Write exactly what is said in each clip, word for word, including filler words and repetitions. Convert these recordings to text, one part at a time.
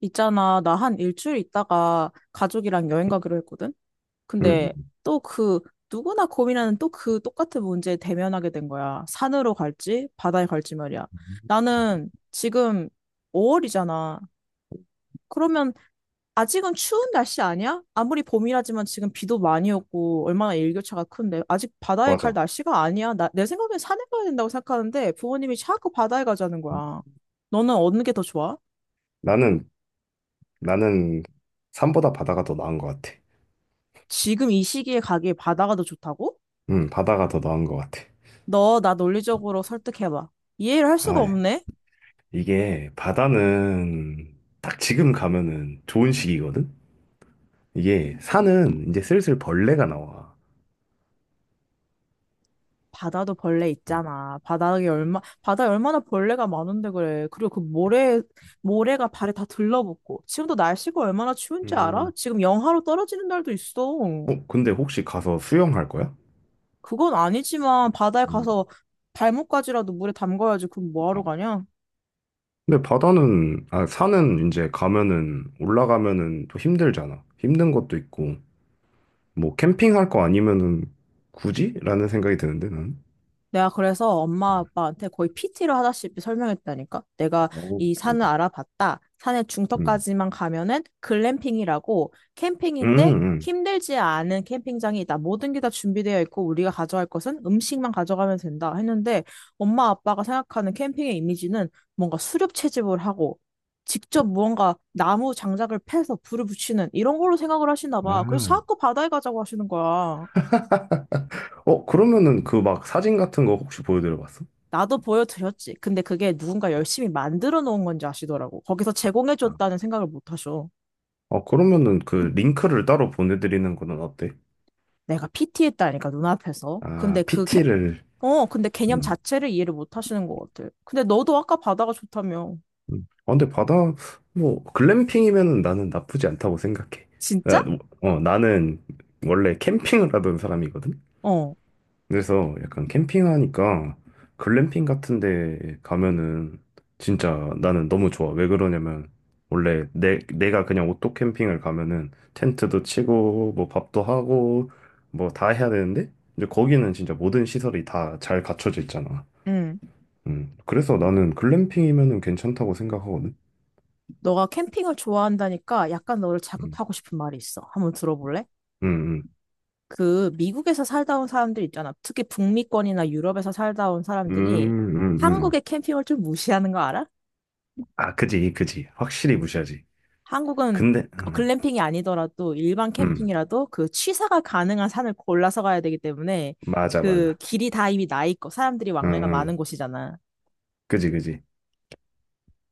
있잖아, 나 한 일주일 있다가 가족이랑 여행 가기로 했거든? 음, 근데 또 그, 누구나 고민하는 또 그 똑같은 문제에 대면하게 된 거야. 산으로 갈지, 바다에 갈지 말이야. 음. 나는 지금 오 월이잖아. 그러면 아직은 추운 날씨 아니야? 아무리 봄이라지만 지금 비도 많이 오고 얼마나 일교차가 큰데 아직 바다에 갈 맞아. 날씨가 아니야. 나, 내 생각엔 산에 가야 된다고 생각하는데 부모님이 자꾸 바다에 가자는 음, 거야. 너는 어느 게 더 좋아? 나는, 나는 산보다 바다가 더 나은 것 같아. 지금 이 시기에 가기에 바다가 더 좋다고? 음, 바다가 더 나은 것 같아. 너 나 논리적으로 설득해봐. 이해를 할 수가 아, 예. 없네? 이게 바다는 딱 지금 가면은 좋은 시기거든? 이게 산은 이제 슬슬 벌레가 나와. 바다도 벌레 있잖아. 바닥에 얼마, 바다에 얼마나 벌레가 많은데 그래. 그리고 그 모래, 모래가 발에 다 들러붙고. 지금도 날씨가 얼마나 추운지 알아? 음, 지금 영하로 떨어지는 날도 있어. 어, 근데 혹시 가서 수영할 거야? 그건 아니지만 바다에 음, 가서 발목까지라도 물에 담가야지. 그럼 아. 뭐하러 가냐? 근데 바다는, 아, 산은 이제 가면은, 올라가면은 또 힘들잖아. 힘든 것도 있고, 뭐 캠핑할 거 아니면은 굳이? 라는 생각이 드는데, 나는. 내가 그래서 엄마 아빠한테 거의 피티를 하다시피 설명했다니까. 내가 어, 이 산을 알아봤다. 산의 음, 중턱까지만 가면은 글램핑이라고 음, 캠핑인데 음. 음. 힘들지 않은 캠핑장이 있다. 모든 게 다 준비되어 있고 우리가 가져갈 것은 음식만 가져가면 된다. 했는데 엄마 아빠가 생각하는 캠핑의 이미지는 뭔가 수렵 채집을 하고 직접 무언가 나무 장작을 패서 불을 붙이는 이런 걸로 생각을 하시나 봐. 그래서 아, 자꾸 바다에 가자고 하시는 거야. 어, 그러면은 그 막 사진 같은 거 혹시 보여드려 봤어? 나도 보여드렸지. 근데 그게 누군가 열심히 만들어 놓은 건지 아시더라고. 거기서 아, 제공해줬다는 생각을 못 하셔. 어, 그러면은 그 링크를 따로 보내드리는 거는 어때? 내가 피티했다니까, 눈앞에서. 근데 아, 그, 캐... 피티를, 어, 근데 개념 음, 자체를 이해를 못 하시는 것 같아. 근데 너도 아까 바다가 좋다며. 음. 아, 근데 바다, 뭐, 글램핑이면은 나는 나쁘지 않다고 생각해. 나, 진짜? 어, 나는 원래 캠핑을 하던 사람이거든? 어, 그래서 약간 캠핑하니까 글램핑 같은 데 가면은 진짜 나는 너무 좋아. 왜 그러냐면 원래 내, 내가 그냥 오토 캠핑을 가면은 텐트도 치고 뭐 밥도 하고 뭐 다 해야 되는데 이제 거기는 진짜 모든 시설이 다 잘 갖춰져 있잖아. 응. 음. 그래서 나는 글램핑이면은 괜찮다고 생각하거든. 너가 캠핑을 좋아한다니까 약간 너를 음. 자극하고 싶은 말이 있어. 한번 들어볼래? 음. 그 미국에서 살다 온 사람들 있잖아. 특히 북미권이나 유럽에서 살다 온 음. 사람들이 음. 음. 음. 한국의 캠핑을 좀 무시하는 거 알아? 아, 그지. 그지. 확실히 무시하지. 한국은 근데 음. 글램핑이 아니더라도 일반 음. 캠핑이라도 그 취사가 가능한 산을 골라서 가야 되기 때문에 맞아 그 맞아. 길이 다 이미 나 있고 사람들이 응, 왕래가 많은 응. 곳이잖아. 그지, 그지.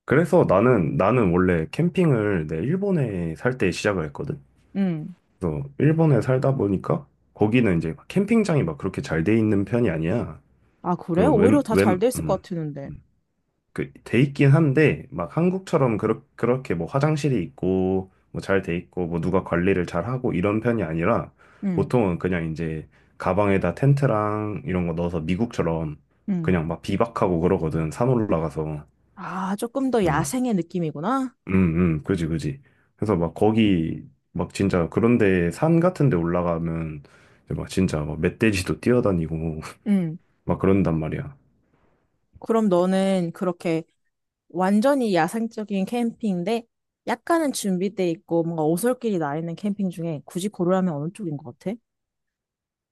그래서 나는, 나는 원래 캠핑을 내 일본에 살 때 시작을 했거든. 음. 그래서 일본에 살다 보니까 거기는 이제 캠핑장이 막 그렇게 잘 돼 있는 편이 아니야. 아, 그래? 그 오히려 웬, 다 잘 웬, 돼 있을 음. 것 같았는데. 음. 그, 돼 있긴 한데, 막 한국처럼 그렇, 그렇게 뭐 화장실이 있고, 뭐 잘 돼 있고, 뭐 누가 관리를 잘 하고 이런 편이 아니라, 음. 보통은 그냥 이제 가방에다 텐트랑 이런 거 넣어서 미국처럼 음. 그냥 막 비박하고 그러거든. 산 올라가서. 아, 조금 더 음. 야생의 느낌이구나. 음, 음, 그지, 그지. 그래서 막 거기, 막 진짜 그런데 산 같은 데 올라가면 이제 막 진짜 막 멧돼지도 뛰어다니고 음. 막 그런단 말이야. 그럼 너는 그렇게 완전히 야생적인 캠핑인데 약간은 준비돼 있고 뭔가 오솔길이 나 있는 캠핑 중에 굳이 고르라면 어느 쪽인 것 같아?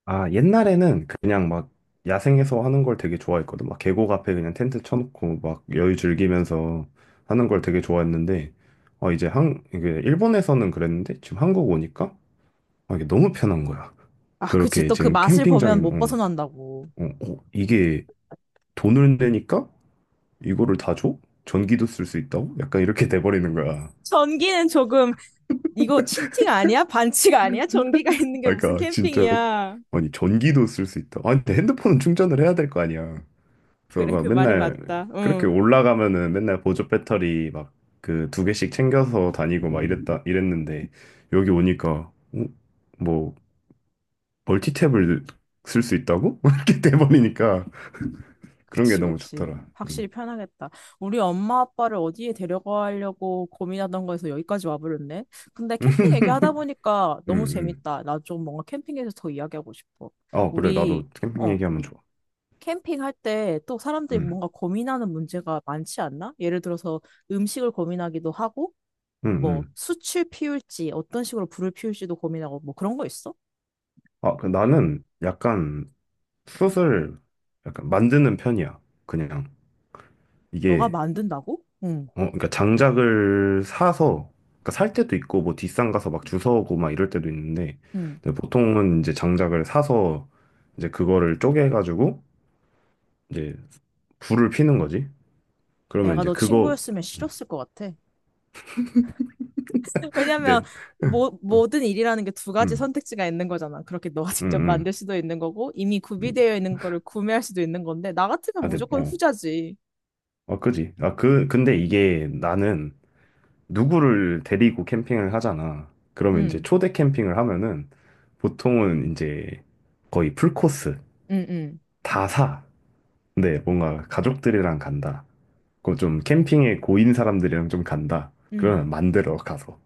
아, 옛날에는 그냥 막 야생에서 하는 걸 되게 좋아했거든. 막 계곡 앞에 그냥 텐트 쳐놓고 막 여유 즐기면서 하는 걸 되게 좋아했는데, 어, 이제 한, 이게 일본에서는 그랬는데 지금 한국 오니까 아, 이게 너무 편한 거야. 아, 그치. 그렇게 또 그 지금 맛을 보면 캠핑장에, 못 어, 벗어난다고. 어, 어, 이게 돈을 내니까 이거를 다 줘? 전기도 쓸 수 있다고? 약간 이렇게 돼버리는 거야. 전기는 조금 이거 치팅 아니야? 반칙 아니야? 전기가 있는 게 아, 무슨 그러니까 진짜 캠핑이야? 아니 전기도 쓸 수 있다. 아니 근데 핸드폰은 충전을 해야 될 거 아니야. 그래서 그래 그 막 말이 맨날 맞다. 그렇게 응. 올라가면은 맨날 보조 배터리 막 그 두 개씩 챙겨서 다니고 막 이랬다 이랬는데 여기 오니까 어? 뭐 멀티탭을 쓸 수 있다고? 이렇게 돼버리니까 그런 게 그치 너무 그치. 좋더라. 확실히 편하겠다. 우리 엄마 아빠를 어디에 데려가려고 고민하던 거에서 여기까지 와버렸네. 근데 캠핑 얘기하다 보니까 음, 너무 음. 재밌다. 나 좀 뭔가 캠핑에서 더 이야기하고 싶어. 어, 그래. 우리 나도 캠핑 어 얘기하면 좋아. 캠핑할 때 또 사람들이 음, 뭔가 고민하는 문제가 많지 않나? 예를 들어서 음식을 고민하기도 하고. 음, 뭐 음. 숯을 피울지 어떤 식으로 불을 피울지도 고민하고 뭐 그런 거 있어? 아, 그 나는 약간 숏을 약간 만드는 편이야. 그냥 너가 이게 만든다고? 응, 어 그러니까 장작을 사서 그러니까 살 때도 있고 뭐 뒷산 가서 막 주워오고 막 이럴 때도 있는데 응. 근데 보통은 이제 장작을 사서 이제 그거를 쪼개가지고 이제 불을 피는 거지. 그러면 내가 이제 너 그거 친구였으면 싫었을 것 같아. 왜냐면 근데 음, 뭐 모든 일이라는 게 두 가지 음, 선택지가 있는 거잖아. 그렇게 너가 직접 음. 만들 수도 있는 거고 이미 음. 구비되어 있는 거를 구매할 수도 있는 건데 나 같으면 아, 근데 무조건 어, 후자지. 어, 그지. 아, 그 근데 이게 나는 누구를 데리고 캠핑을 하잖아. 그러면 이제 응, 초대 캠핑을 하면은 보통은 이제 거의 풀코스 응, 응, 다 사. 근데 뭔가 가족들이랑 간다. 그좀 캠핑에 고인 사람들이랑 좀 간다. 응. 그러면 만들어 가서.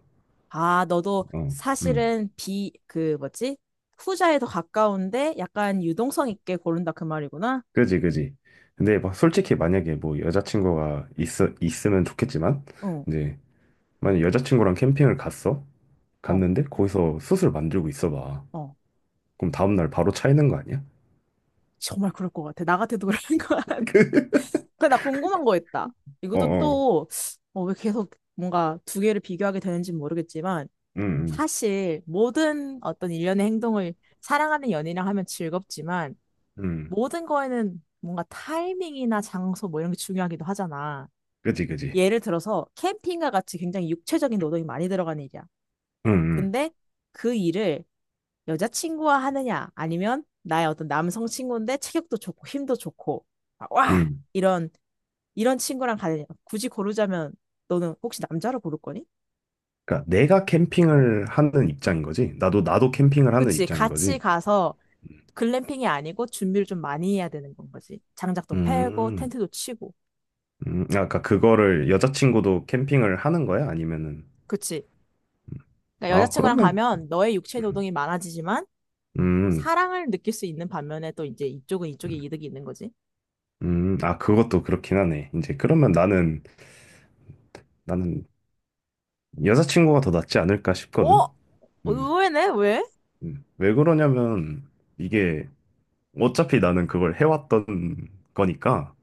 아, 너도 어, 음, 사실은 비 그 뭐지? 후자에 더 가까운데 약간 유동성 있게 고른다 그 말이구나. 그지, 그지. 근데 막 솔직히 만약에 뭐 여자친구가 있어 있으면 좋겠지만 응, 이제 만약 여자친구랑 캠핑을 갔어, 어, 갔는데 거기서 숯을 만들고 있어봐. 어. 그럼 다음날 바로 차이는 거 아니야? 정말 그럴 것 같아. 나 같아도 그럴 것 같아. 근데 나 궁금한 거 있다. 어, 이것도 어. 또, 어, 왜 계속 뭔가 두 개를 비교하게 되는지는 모르겠지만, 응, 사실 모든 어떤 일련의 행동을 사랑하는 연인이랑 하면 즐겁지만, 음, 모든 거에는 뭔가 타이밍이나 장소 뭐 이런 게 중요하기도 하잖아. 그지, 그지. 예를 들어서 캠핑과 같이 굉장히 육체적인 노동이 많이 들어가는 일이야. 음, 음, 근데 그 일을 여자친구와 하느냐, 아니면 나의 어떤 남성 친구인데 체격도 좋고 힘도 좋고, 막 와! 음. 이런, 이런 친구랑 가느냐. 굳이 고르자면 너는 혹시 남자로 고를 거니? 그러니까 내가 캠핑을 하는 입장인 거지. 나도 나도 캠핑을 하는 그치, 입장인 같이 거지. 가서 글램핑이 아니고 준비를 좀 많이 해야 되는 건 거지. 장작도 패고, 음, 텐트도 치고. 음. 아까 그거를 여자친구도 캠핑을 하는 거야? 아니면은 그치. 그러니까 아 여자친구랑 그러면 가면 너의 육체 음, 노동이 많아지지만 음, 사랑을 느낄 수 있는 반면에 또 이제 이쪽은 이쪽에 음. 이득이 있는 거지. 음. 아 그것도 그렇긴 하네. 이제 그러면 나는 나는 여자친구가 더 낫지 않을까 어? 싶거든. 음, 의외네? 왜? 음. 왜 그러냐면 이게 어차피 나는 그걸 해왔던 거니까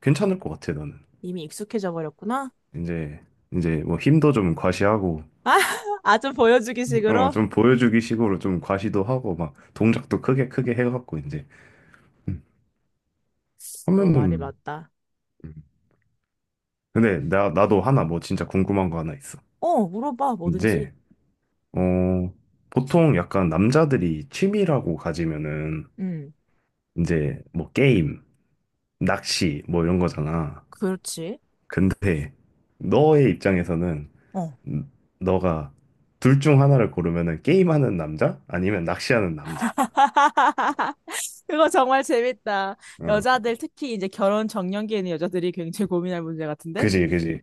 괜찮을 것 같아 나는. 이미 익숙해져 버렸구나. 이제 이제 뭐 힘도 좀 과시하고 아, 아, 좀 보여주기 어 식으로? 좀 보여주기 식으로 좀 과시도 하고 막 동작도 크게 크게 해갖고 이제 음, 너 말이 하면은 맞다. 음. 근데 나 나도 하나 뭐 진짜 궁금한 거 하나 있어 어, 물어봐, 뭐든지. 이제 어 보통 약간 남자들이 취미라고 가지면은 음, 이제 뭐 게임 낚시 뭐 이런 거잖아 그렇지. 근데 너의 입장에서는 어. 음, 너가 둘 중 하나를 고르면은 게임하는 남자 아니면 낚시하는 남자 그거 정말 재밌다. 어 여자들, 특히 이제 결혼 정년기에 있는 여자들이 굉장히 고민할 문제 같은데? 그지 그지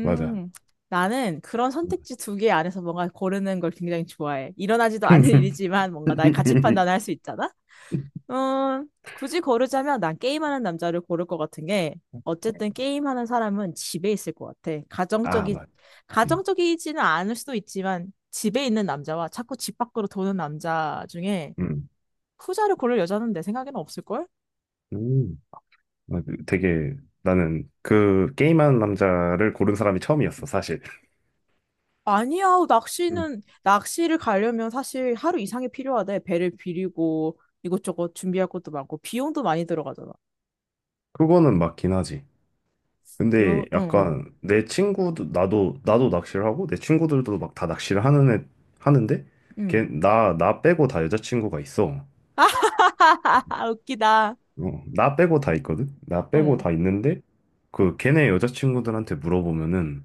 맞아. 나는 그런 선택지 두 개 안에서 뭔가 고르는 걸 굉장히 좋아해. 일어나지도 않은 일이지만 뭔가 나의 가치 판단을 할 수 있잖아? 어, 굳이 고르자면 난 게임하는 남자를 고를 것 같은 게 어쨌든 게임하는 사람은 집에 있을 것 같아. 아, 가정적이 맞. 음, 가정적이지는 않을 수도 있지만 집에 있는 남자와 자꾸 집 밖으로 도는 남자 중에 음, 후자를 고를 여자는 내 생각에는 없을걸? 음. 맞- 되게 나는 그 게임하는 남자를 고른 사람이 처음이었어, 사실. 아니야, 음. 낚시는 낚시를 가려면 사실 하루 이상이 필요하대. 배를 비리고 이것저것 준비할 것도 많고 비용도 많이 들어가잖아. 그거는 맞긴 하지. 근데 그리고 응 응. 약간 내 친구도 나도 나도 낚시를 하고 내 친구들도 막 다 낚시를 하는 애 하는데 걔 응. 나 나 빼고 다 여자친구가 있어. 웃기다. 어, 나 빼고 다 있거든? 나 빼고 응. 다 있는데, 그, 걔네 여자친구들한테 물어보면은,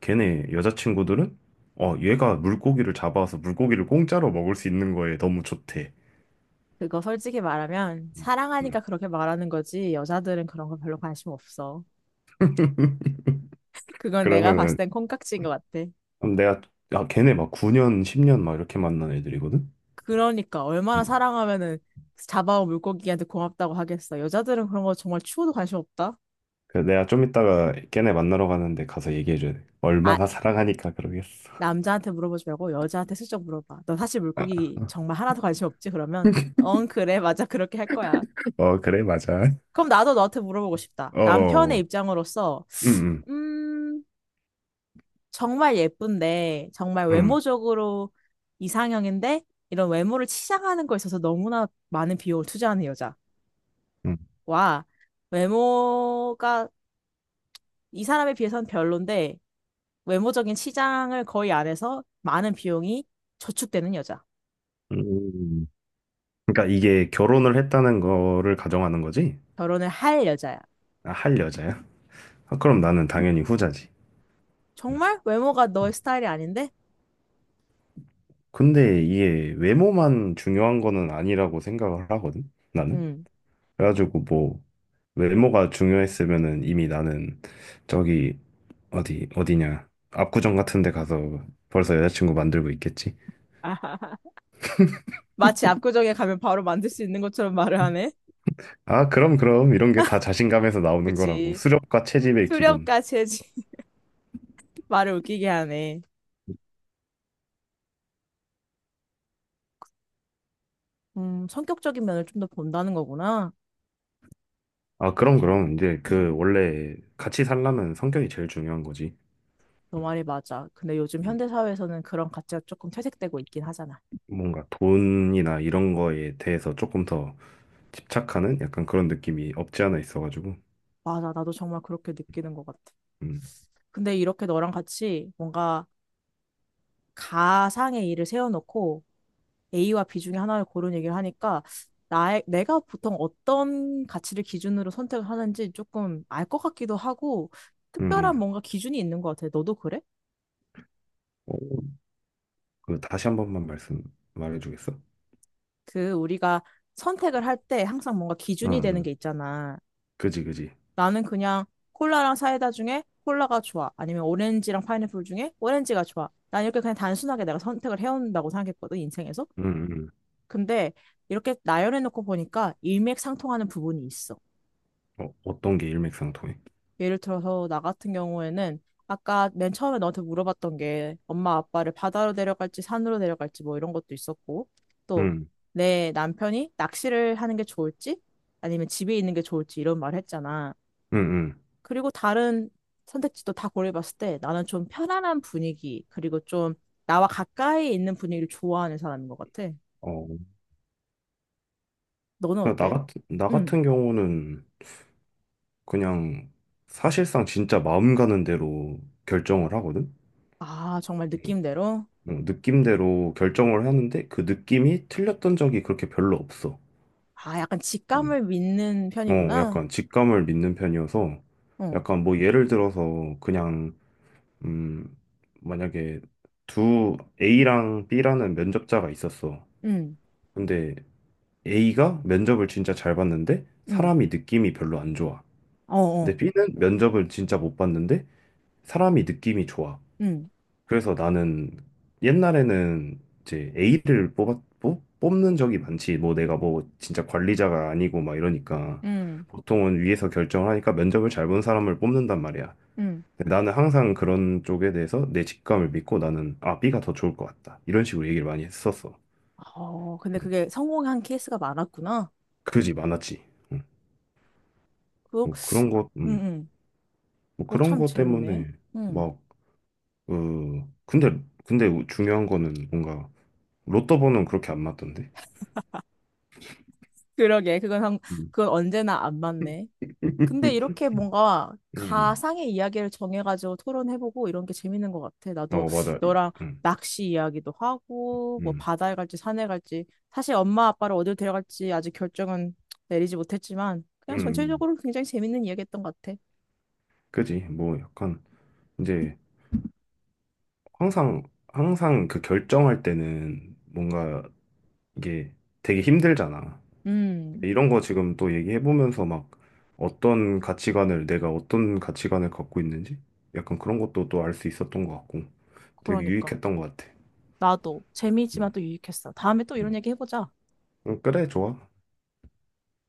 걔네 여자친구들은, 어, 얘가 물고기를 잡아서 물고기를 공짜로 먹을 수 있는 거에 너무 좋대. 그거 솔직히 말하면 음. 사랑하니까 그렇게 말하는 거지 여자들은 그런 거 별로 관심 없어. 그건 내가 봤을 그러면은, 땐 콩깍지인 것 같아. 그럼 내가, 아, 걔네 막 구 년, 십 년 막 이렇게 만난 애들이거든? 그러니까 얼마나 음. 사랑하면은 잡아온 물고기한테 고맙다고 하겠어. 여자들은 그런 거 정말 추워도 관심 없다. 그래서 내가 좀 이따가 걔네 만나러 가는데 가서 얘기해줘야 돼. 아, 얼마나 사랑하니까 그러겠어. 남자한테 물어보지 말고 여자한테 슬쩍 물어봐. 너 사실 물고기 정말 하나도 관심 없지? 그러면 응, 그래. 맞아. 그렇게 할 거야. 어, 그래, 맞아. 그럼 나도 너한테 물어보고 싶다. 남편의 어, 입장으로서 응, 음 정말 예쁜데, 정말 응, 외모적으로 이상형인데, 이런 외모를 치장하는 거에 있어서 너무나 많은 비용을 투자하는 응. 여자와 외모가 이 사람에 비해서는 별론데, 외모적인 치장을 거의 안 해서 많은 비용이 저축되는 여자. 응. 그러니까 이게 결혼을 했다는 거를 가정하는 거지? 결혼을 할 여자야. 아, 할 여자야? 아, 그럼 나는 당연히 후자지. 정말 외모가 너의 음. 스타일이 아닌데? 근데 이게 외모만 중요한 거는 아니라고 생각을 하거든, 나는. 음. 그래가지고 뭐, 외모가 중요했으면은 이미 나는 저기, 어디, 어디냐. 압구정 같은 데 가서 벌써 여자친구 만들고 있겠지. 마치 압구정에 가면 바로 만들 수 있는 것처럼 말을 하네. 아, 그럼, 그럼. 이런 게 다 자신감에서 나오는 거라고. 그치. 수렵과 채집의 기본. 수렵까지 해지 말을 웃기게 하네. 음, 성격적인 면을 좀 더 본다는 거구나. 아, 그럼, 그럼. 이제 그 원래 같이 살려면 성격이 제일 중요한 거지. 너 음. 말이 맞아. 근데 요즘 음. 현대사회에서는 그런 가치가 조금 퇴색되고 있긴 하잖아. 뭔가 돈이나 이런 거에 대해서 조금 더 집착하는 약간 그런 느낌이 없지 않아 있어가지고. 맞아. 나도 정말 그렇게 느끼는 것 같아. 음, 근데 이렇게 너랑 같이 뭔가 가상의 일을 세워놓고 에이와 비 중에 하나를 고른 얘기를 하니까 나의, 내가 보통 어떤 가치를 기준으로 선택을 하는지 조금 알 것 같기도 하고 음. 특별한 음. 뭔가 기준이 있는 것 같아. 너도 그래? 어, 그 다시 한 번만 말씀 말해주겠어? 그 우리가 선택을 할 때 항상 뭔가 응, 기준이 되는 게 응. 있잖아. 그지, 그지. 나는 그냥 콜라랑 사이다 중에 콜라가 좋아. 아니면 오렌지랑 파인애플 중에 오렌지가 좋아. 난 이렇게 그냥 단순하게 내가 선택을 해온다고 생각했거든, 인생에서. 응, 응. 근데 이렇게 나열해놓고 보니까 일맥상통하는 부분이 있어. 어, 어떤 게 일맥상통해? 예를 들어서 나 같은 경우에는 아까 맨 처음에 너한테 물어봤던 게 엄마 아빠를 바다로 데려갈지 산으로 데려갈지 뭐 이런 것도 있었고 또 응, 내 남편이 낚시를 하는 게 좋을지 아니면 집에 있는 게 좋을지 이런 말을 했잖아. 응, 응. 그리고 다른 선택지도 다 고려해봤을 때 나는 좀 편안한 분위기, 그리고 좀 나와 가까이 있는 분위기를 좋아하는 사람인 것 같아. 어, 너는 그냥 나 어때? 같은 나 음. 같은 경우는 그냥 사실상 진짜 마음 가는 대로 결정을 하거든. 아, 정말 느낌대로? 어, 느낌대로 결정을 하는데 그 느낌이 틀렸던 적이 그렇게 별로 없어. 아, 약간 음. 직감을 믿는 어, 편이구나. 약간 직감을 믿는 편이어서 어, 약간 뭐 예를 들어서 그냥 음, 만약에 두 A랑 B라는 면접자가 있었어. 음, 근데 A가 면접을 진짜 잘 봤는데 음, 사람이 느낌이 별로 안 좋아. 어, 근데 어, B는 면접을 진짜 못 봤는데 사람이 느낌이 좋아. 음, 그래서 나는 옛날에는 이제 A를 뽑았, 뽑, 뽑는 적이 많지. 뭐 내가 뭐 진짜 관리자가 아니고 막 이러니까 음, 보통은 위에서 결정을 하니까 면접을 잘 본 사람을 뽑는단 말이야. 음. 근데 나는 항상 그런 쪽에 대해서 내 직감을 믿고 나는 아, B가 더 좋을 것 같다. 이런 식으로 얘기를 많이 했었어. 어, 근데 음. 그게 성공한 케이스가 많았구나. 그지 많았지. 음. 그거, 뭐 그런 것, 음, 음. 음. 뭐 그거 그런 참 것 재밌네. 때문에 음. 막, 어, 근데, 근데 중요한 거는 뭔가 로또 번호는 그렇게 안 맞던데. 그러게, 그건, 한- 음. 그건 언제나 안 맞네. 근데 이렇게 뭔가 음. 가상의 이야기를 정해가지고 토론해보고 이런 게 재밌는 것 같아. 나도 어, 맞아. 이- 너랑 음, 낚시 이야기도 하고, 뭐 음, 바다에 갈지 산에 갈지. 사실 엄마 아빠를 어딜 데려갈지 아직 결정은 내리지 못했지만, 그냥 음. 전체적으로 굉장히 재밌는 이야기였던 것 같아. 그지. 뭐 약간 이제 항상 항상 그 결정할 때는 뭔가 이게 되게 힘들잖아. 음, 이런 거 지금 또 얘기해 보면서 막 어떤 가치관을 내가 어떤 가치관을 갖고 있는지 약간 그런 것도 또 알 수 있었던 것 같고 되게 그러니까. 유익했던 것 같아. 나도 재미있지만 음, 또 유익했어. 다음에 또 이런 음. 얘기 해보자. 음, 그래, 좋아.